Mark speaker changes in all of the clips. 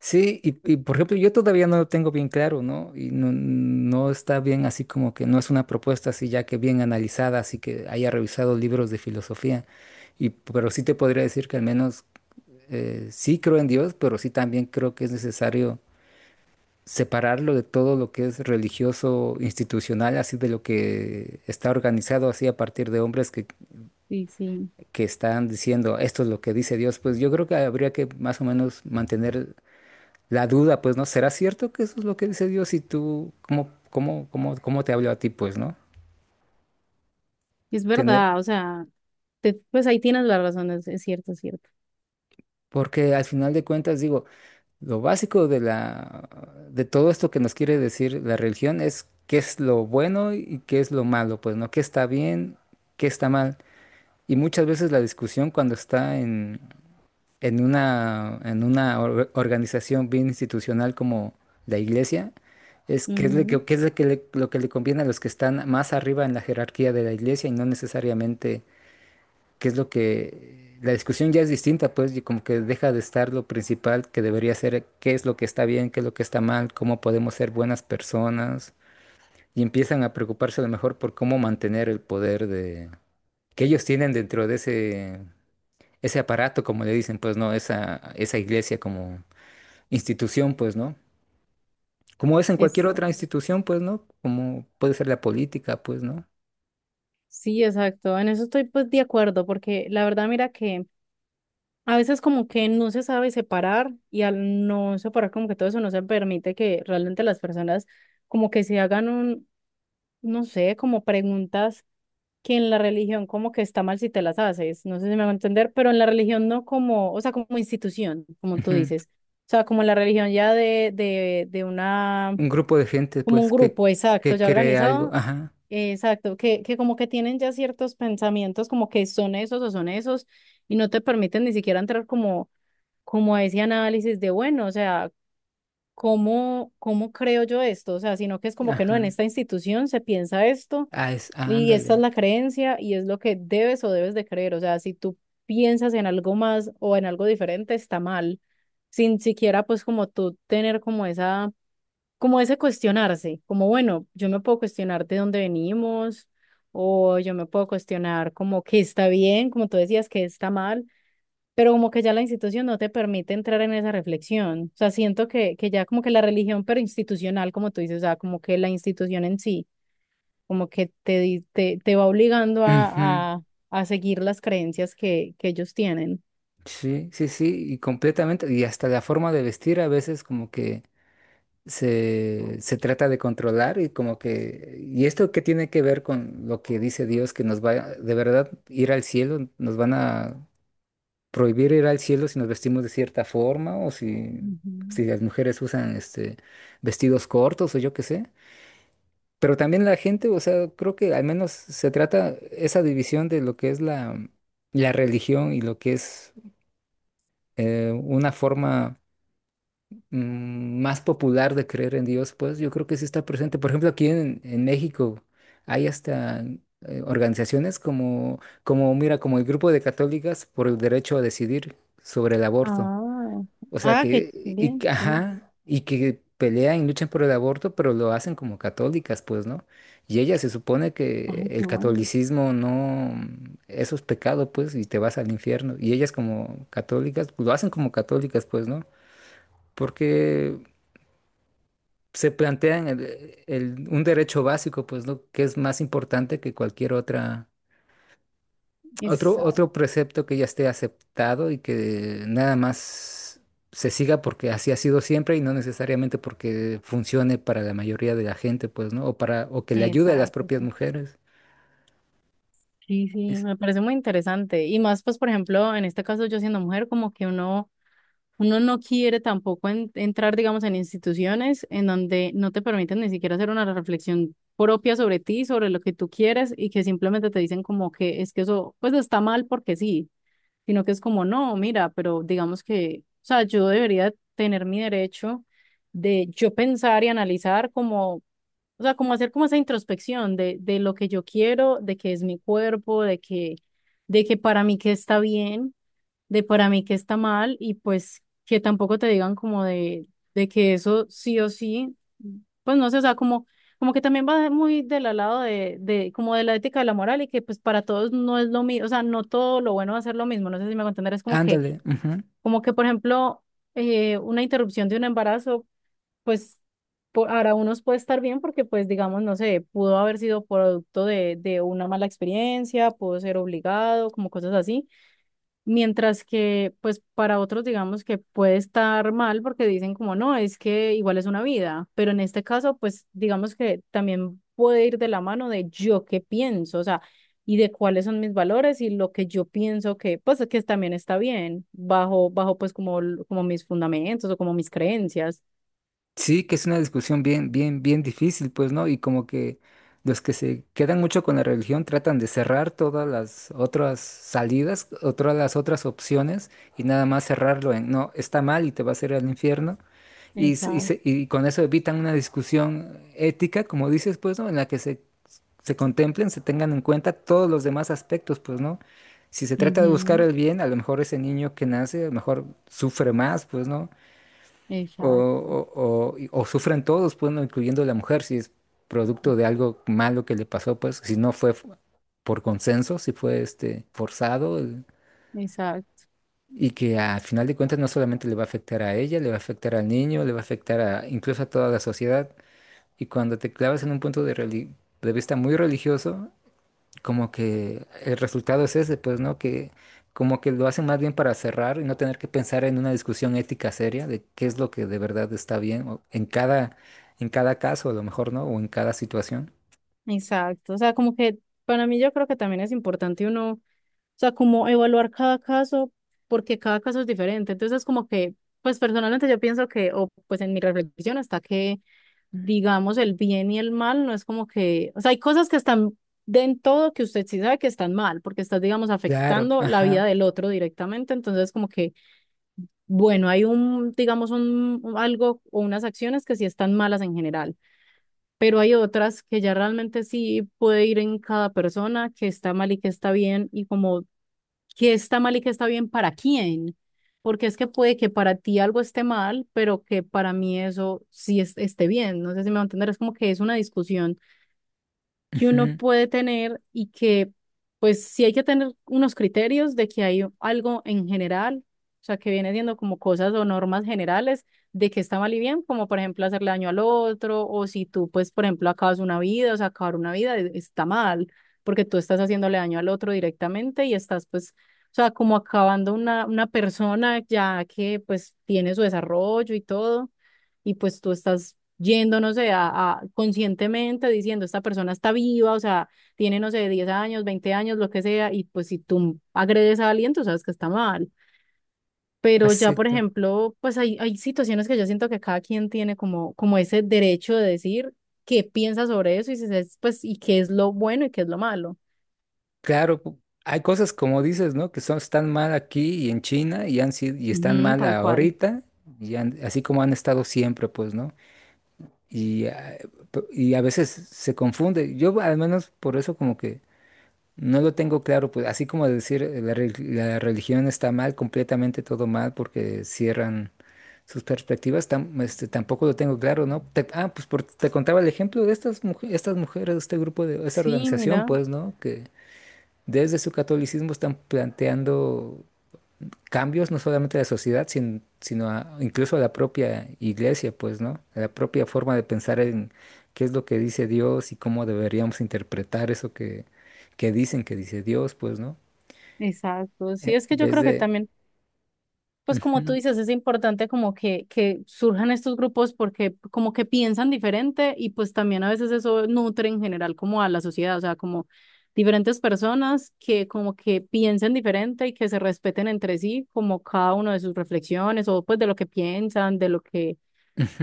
Speaker 1: Sí, por ejemplo, yo todavía no lo tengo bien claro, ¿no? Y no está bien así como que no es una propuesta así ya que bien analizada, así que haya revisado libros de filosofía. Y pero sí te podría decir que al menos sí creo en Dios, pero sí también creo que es necesario separarlo de todo lo que es religioso, institucional, así de lo que está organizado así a partir de hombres
Speaker 2: Sí, sí.
Speaker 1: que están diciendo esto es lo que dice Dios. Pues yo creo que habría que más o menos mantener la duda, pues, ¿no? ¿Será cierto que eso es lo que dice Dios? Y tú, cómo te habló a ti, pues, ¿no?
Speaker 2: Es
Speaker 1: Tener,
Speaker 2: verdad. O sea, pues ahí tienes la razón, es cierto, es cierto.
Speaker 1: porque al final de cuentas, digo, lo básico de la, de todo esto que nos quiere decir la religión es qué es lo bueno y qué es lo malo, pues, ¿no? ¿Qué está bien, qué está mal? Y muchas veces la discusión cuando en una organización bien institucional como la iglesia, es
Speaker 2: Ujú.
Speaker 1: que es lo que le conviene a los que están más arriba en la jerarquía de la iglesia y no necesariamente qué es lo que... La discusión ya es distinta, pues, y como que deja de estar lo principal que debería ser qué es lo que está bien, qué es lo que está mal, cómo podemos ser buenas personas, y empiezan a preocuparse a lo mejor por cómo mantener el poder de, que ellos tienen dentro de ese aparato, como le dicen, pues no, esa iglesia como institución, pues no. Como es en cualquier
Speaker 2: Es,
Speaker 1: otra institución, pues no, como puede ser la política, pues no.
Speaker 2: sí, exacto. En eso estoy pues de acuerdo, porque la verdad, mira que a veces como que no se sabe separar y al no separar como que todo eso no se permite que realmente las personas como que se hagan un, no sé, como preguntas que en la religión como que está mal si te las haces. No sé si me va a entender, pero en la religión no, como, o sea, como institución, como tú
Speaker 1: Ujú.
Speaker 2: dices. O sea, como la religión ya de una.
Speaker 1: Un grupo de gente,
Speaker 2: Como un
Speaker 1: pues,
Speaker 2: grupo, exacto,
Speaker 1: que
Speaker 2: ya
Speaker 1: cree algo.
Speaker 2: organizado,
Speaker 1: Ajá,
Speaker 2: exacto, que como que tienen ya ciertos pensamientos, como que son esos o son esos, y no te permiten ni siquiera entrar como, como a ese análisis de, bueno, o sea, ¿cómo, cómo creo yo esto? O sea, sino que es como que no, en
Speaker 1: ajá.
Speaker 2: esta institución se piensa esto, y esta es
Speaker 1: Ándale.
Speaker 2: la creencia, y es lo que debes o debes de creer. O sea, si tú piensas en algo más o en algo diferente, está mal, sin siquiera pues como tú tener como esa, como ese cuestionarse, como bueno, yo me puedo cuestionar de dónde venimos o yo me puedo cuestionar como qué está bien, como tú decías, qué está mal, pero como que ya la institución no te permite entrar en esa reflexión. O sea, siento que ya como que la religión, pero institucional, como tú dices, o sea, como que la institución en sí, como que te, te, te va obligando
Speaker 1: Ujú.
Speaker 2: a seguir las creencias que ellos tienen.
Speaker 1: Sí, sí, sí, y completamente. Y hasta la forma de vestir a veces como que se trata de controlar y como que... ¿Y esto qué tiene que ver con lo que dice Dios, que nos va de verdad ir al cielo? ¿Nos van a prohibir ir al cielo si nos vestimos de cierta forma o si,
Speaker 2: Ujú.
Speaker 1: si las mujeres usan vestidos cortos o yo qué sé? Pero también la gente, o sea, creo que al menos se trata esa división de lo que es la religión y lo que es una forma más popular de creer en Dios, pues yo creo que sí está presente. Por ejemplo, aquí en México hay hasta organizaciones mira, como el Grupo de Católicas por el Derecho a Decidir sobre el Aborto.
Speaker 2: Ah,
Speaker 1: O sea
Speaker 2: ah, qué
Speaker 1: que,
Speaker 2: bien, mira.
Speaker 1: ajá, y que pelean y luchan por el aborto, pero lo hacen como católicas, pues, ¿no? Y ella se supone que
Speaker 2: Ay,
Speaker 1: el
Speaker 2: qué bueno.
Speaker 1: catolicismo no, eso es pecado, pues, y te vas al infierno. Y ellas como católicas, pues, lo hacen como católicas, pues, ¿no? Porque se plantean un derecho básico, pues, ¿no? Que es más importante que cualquier otra otro, otro precepto que ya esté aceptado y que nada más se siga porque así ha sido siempre y no necesariamente porque funcione para la mayoría de la gente, pues, ¿no? O para, o que le ayude a las
Speaker 2: Exacto.
Speaker 1: propias mujeres.
Speaker 2: Sí, sí, sí,
Speaker 1: Es,
Speaker 2: me parece muy interesante. Y más, pues, por ejemplo, en este caso yo siendo mujer, como que uno, uno no quiere tampoco entrar, digamos, en instituciones en donde no te permiten ni siquiera hacer una reflexión propia sobre ti, sobre lo que tú quieres y que simplemente te dicen como que es que eso, pues, está mal porque sí, sino que es como, no, mira, pero digamos que, o sea, yo debería tener mi derecho de yo pensar y analizar como. O sea, como hacer como esa introspección de lo que yo quiero, de que es mi cuerpo, de que para mí qué está bien, de para mí qué está mal, y pues que tampoco te digan como de que eso sí o sí, pues no sé, o sea, como, como que también va muy del lado como de la ética de la moral, y que pues para todos no es lo mismo, o sea, no todo lo bueno va a ser lo mismo, no sé si me voy a entender, es
Speaker 1: ándale, ujú.
Speaker 2: como que por ejemplo, una interrupción de un embarazo pues por, ahora unos puede estar bien porque pues digamos, no sé, pudo haber sido producto de una mala experiencia, pudo ser obligado, como cosas así, mientras que pues para otros digamos que puede estar mal porque dicen como no, es que igual es una vida, pero en este caso pues digamos que también puede ir de la mano de yo qué pienso, o sea, y de cuáles son mis valores y lo que yo pienso que pues que también está bien, bajo pues como, como mis fundamentos o como mis creencias.
Speaker 1: Sí, que es una discusión bien difícil, pues, ¿no? Y como que los que se quedan mucho con la religión tratan de cerrar todas las otras salidas, otras las otras opciones y nada más cerrarlo en, no, está mal y te vas a ir al infierno.
Speaker 2: Exacto.
Speaker 1: Y con eso evitan una discusión ética, como dices, pues, ¿no? En la que se contemplen, se tengan en cuenta todos los demás aspectos, pues, ¿no? Si se trata de buscar
Speaker 2: Ujú.
Speaker 1: el bien, a lo mejor ese niño que nace, a lo mejor sufre más, pues, ¿no? O,
Speaker 2: Exacto,
Speaker 1: o- o sufren todos, pues, ¿no? Incluyendo la mujer, si es producto de algo malo que le pasó, pues, si no fue por consenso, si fue, este, forzado,
Speaker 2: exacto,
Speaker 1: y que al final de cuentas no solamente le va a afectar a ella, le va a afectar al niño, le va a afectar a, incluso a toda la sociedad. Y cuando te clavas en un punto de vista muy religioso, como que el resultado es ese, pues, ¿no? Que como que lo hacen más bien para cerrar y no tener que pensar en una discusión ética seria de qué es lo que de verdad está bien o en en cada caso, a lo mejor, ¿no? O en cada situación.
Speaker 2: exacto. O sea, como que para mí yo creo que también es importante uno, o sea, como evaluar cada caso, porque cada caso es diferente. Entonces, como que, pues personalmente yo pienso que, o pues en mi reflexión está que, digamos, el bien y el mal no es como que, o sea, hay cosas que están de en todo que usted sí sabe que están mal, porque estás, digamos,
Speaker 1: Claro,
Speaker 2: afectando la vida
Speaker 1: ajá.
Speaker 2: del otro directamente. Entonces, como que, bueno, hay un, digamos, algo o unas acciones que sí están malas en general. Pero hay otras que ya realmente sí puede ir en cada persona, que está mal y que está bien, y como que está mal y que está bien para quién, porque es que puede que para ti algo esté mal, pero que para mí eso sí esté bien, no sé si me va a entender, es como que es una discusión que uno
Speaker 1: Ujú,
Speaker 2: puede tener y que pues sí hay que tener unos criterios de que hay algo en general, o sea, que viene siendo como cosas o normas generales de que está mal y bien, como por ejemplo hacerle daño al otro o si tú pues por ejemplo acabas una vida, o sea, acabar una vida está mal porque tú estás haciéndole daño al otro directamente y estás pues... O sea, como acabando una persona ya que pues tiene su desarrollo y todo, y pues tú estás yendo, no sé, conscientemente diciendo, esta persona está viva, o sea, tiene, no sé, 10 años, 20 años, lo que sea, y pues si tú agredes a alguien, tú sabes que está mal. Pero ya, por
Speaker 1: exacto.
Speaker 2: ejemplo, pues hay situaciones que yo siento que cada quien tiene como, como ese derecho de decir qué piensa sobre eso y, si es, pues, y qué es lo bueno y qué es lo malo.
Speaker 1: Claro, hay cosas como dices, ¿no? Que son, están mal aquí y en China y han sido, y están
Speaker 2: Ujú,
Speaker 1: mal
Speaker 2: tal cual.
Speaker 1: ahorita, así como han estado siempre, pues, ¿no? Y, ah, y a veces se confunde. Yo al menos por eso como que no lo tengo claro, pues así como decir la religión está mal, completamente todo mal porque cierran sus perspectivas, este, tampoco lo tengo claro, ¿no? Pues te contaba el ejemplo de estas mujeres, este grupo de esta
Speaker 2: Sí,
Speaker 1: organización,
Speaker 2: mira,
Speaker 1: pues, ¿no? Que desde su catolicismo están planteando cambios no solamente a la sociedad, sino incluso a la propia iglesia, pues, ¿no? A la propia forma de pensar en qué es lo que dice Dios y cómo deberíamos interpretar eso que dicen que dice Dios, pues, ¿no?
Speaker 2: exacto. Sí,
Speaker 1: En
Speaker 2: es que yo
Speaker 1: vez
Speaker 2: creo que
Speaker 1: de...
Speaker 2: también, pues como tú
Speaker 1: Ujú,
Speaker 2: dices, es importante como que surjan estos grupos porque como que piensan diferente y pues también a veces eso nutre en general como a la sociedad, o sea, como diferentes personas que como que piensen diferente y que se respeten entre sí, como cada uno de sus reflexiones o pues de lo que piensan, de lo que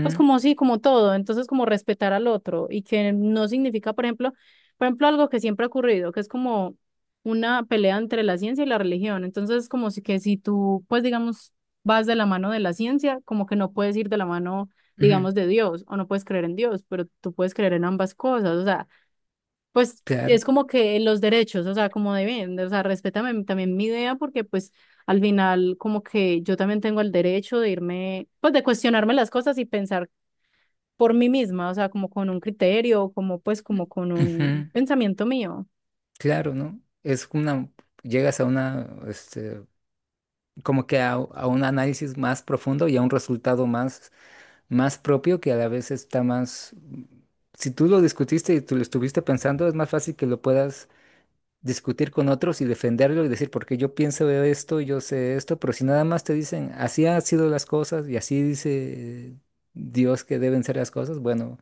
Speaker 2: pues como sí, como todo, entonces como respetar al otro y que no significa, por ejemplo, algo que siempre ha ocurrido, que es como una pelea entre la ciencia y la religión. Entonces, como si que si tú, pues digamos, vas de la mano de la ciencia, como que no puedes ir de la mano,
Speaker 1: ujú,
Speaker 2: digamos, de Dios o no puedes creer en Dios, pero tú puedes creer en ambas cosas, o sea, pues
Speaker 1: claro,
Speaker 2: es como que los derechos, o sea, como deben, o sea, respétame también mi idea porque pues al final como que yo también tengo el derecho de irme, pues de cuestionarme las cosas y pensar por mí misma, o sea, como con un criterio, como pues como con
Speaker 1: ujú,
Speaker 2: un pensamiento mío.
Speaker 1: claro, ¿no? Es una... Llegas a una, este, como que a un análisis más profundo y a un resultado más propio que a la vez está más... Si tú lo discutiste y tú lo estuviste pensando, es más fácil que lo puedas discutir con otros y defenderlo y decir, porque yo pienso de esto, yo sé esto, pero si nada más te dicen, así han sido las cosas y así dice Dios que deben ser las cosas, bueno,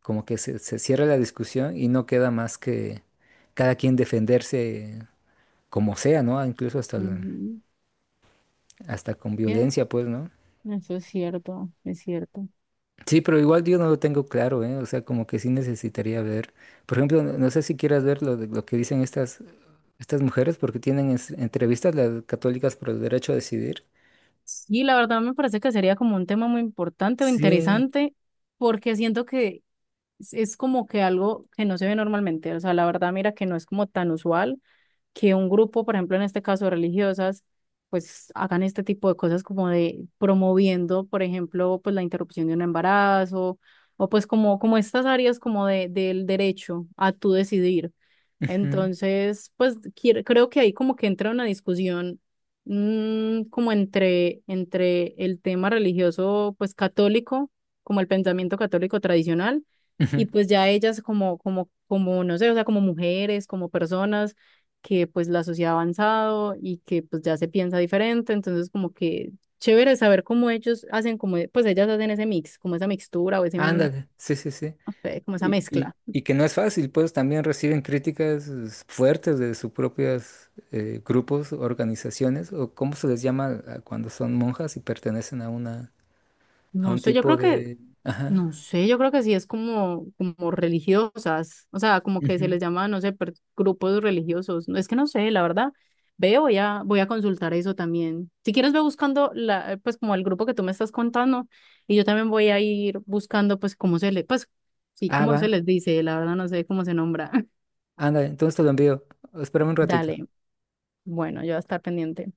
Speaker 1: como que se cierra la discusión y no queda más que cada quien defenderse como sea, ¿no? Incluso hasta,
Speaker 2: Ujú.
Speaker 1: hasta con
Speaker 2: Bien,
Speaker 1: violencia, pues, ¿no?
Speaker 2: eso es cierto, es cierto.
Speaker 1: Sí, pero igual yo no lo tengo claro, ¿eh? O sea, como que sí necesitaría ver. Por ejemplo, no sé si quieras ver lo, lo que dicen estas mujeres, porque tienen entrevistas las católicas por el derecho a decidir.
Speaker 2: Y la verdad me parece que sería como un tema muy importante o
Speaker 1: Sí.
Speaker 2: interesante, porque siento que es como que algo que no se ve normalmente, o sea, la verdad mira que no es como tan usual. Que un grupo, por ejemplo, en este caso religiosas, pues hagan este tipo de cosas como de promoviendo, por ejemplo, pues la interrupción de un embarazo o pues como, como estas áreas como de, del derecho a tú decidir.
Speaker 1: Ujú,
Speaker 2: Entonces, pues creo que ahí como que entra una discusión, como entre el tema religioso, pues católico, como el pensamiento católico tradicional, y
Speaker 1: ujú.
Speaker 2: pues ya ellas como, como, como, no sé, o sea, como mujeres, como personas que pues la sociedad ha avanzado y que pues ya se piensa diferente, entonces como que chévere saber cómo ellos hacen, como, pues ellas hacen ese mix, como esa mixtura o ese,
Speaker 1: Ándale, sí, sí, sí.
Speaker 2: no sé, como esa
Speaker 1: Y,
Speaker 2: mezcla.
Speaker 1: y que no es fácil, pues también reciben críticas es, fuertes de sus propios grupos, organizaciones, o cómo se les llama a cuando son monjas y pertenecen a una, a
Speaker 2: No
Speaker 1: un
Speaker 2: sé, yo
Speaker 1: tipo
Speaker 2: creo que.
Speaker 1: de... Ajá.
Speaker 2: No sé, yo creo que sí es como, como religiosas, o sea, como que se
Speaker 1: Ujú.
Speaker 2: les llama, no sé, grupos religiosos. No, es que no sé, la verdad. Ve, voy a consultar eso también. Si quieres, ve buscando la, pues como el grupo que tú me estás contando y yo también voy a ir buscando, pues cómo se le, pues sí, cómo se les dice, la verdad no sé cómo se nombra.
Speaker 1: Ándale, entonces te lo envío. Espérame un ratito.
Speaker 2: Dale, bueno, yo voy a estar pendiente.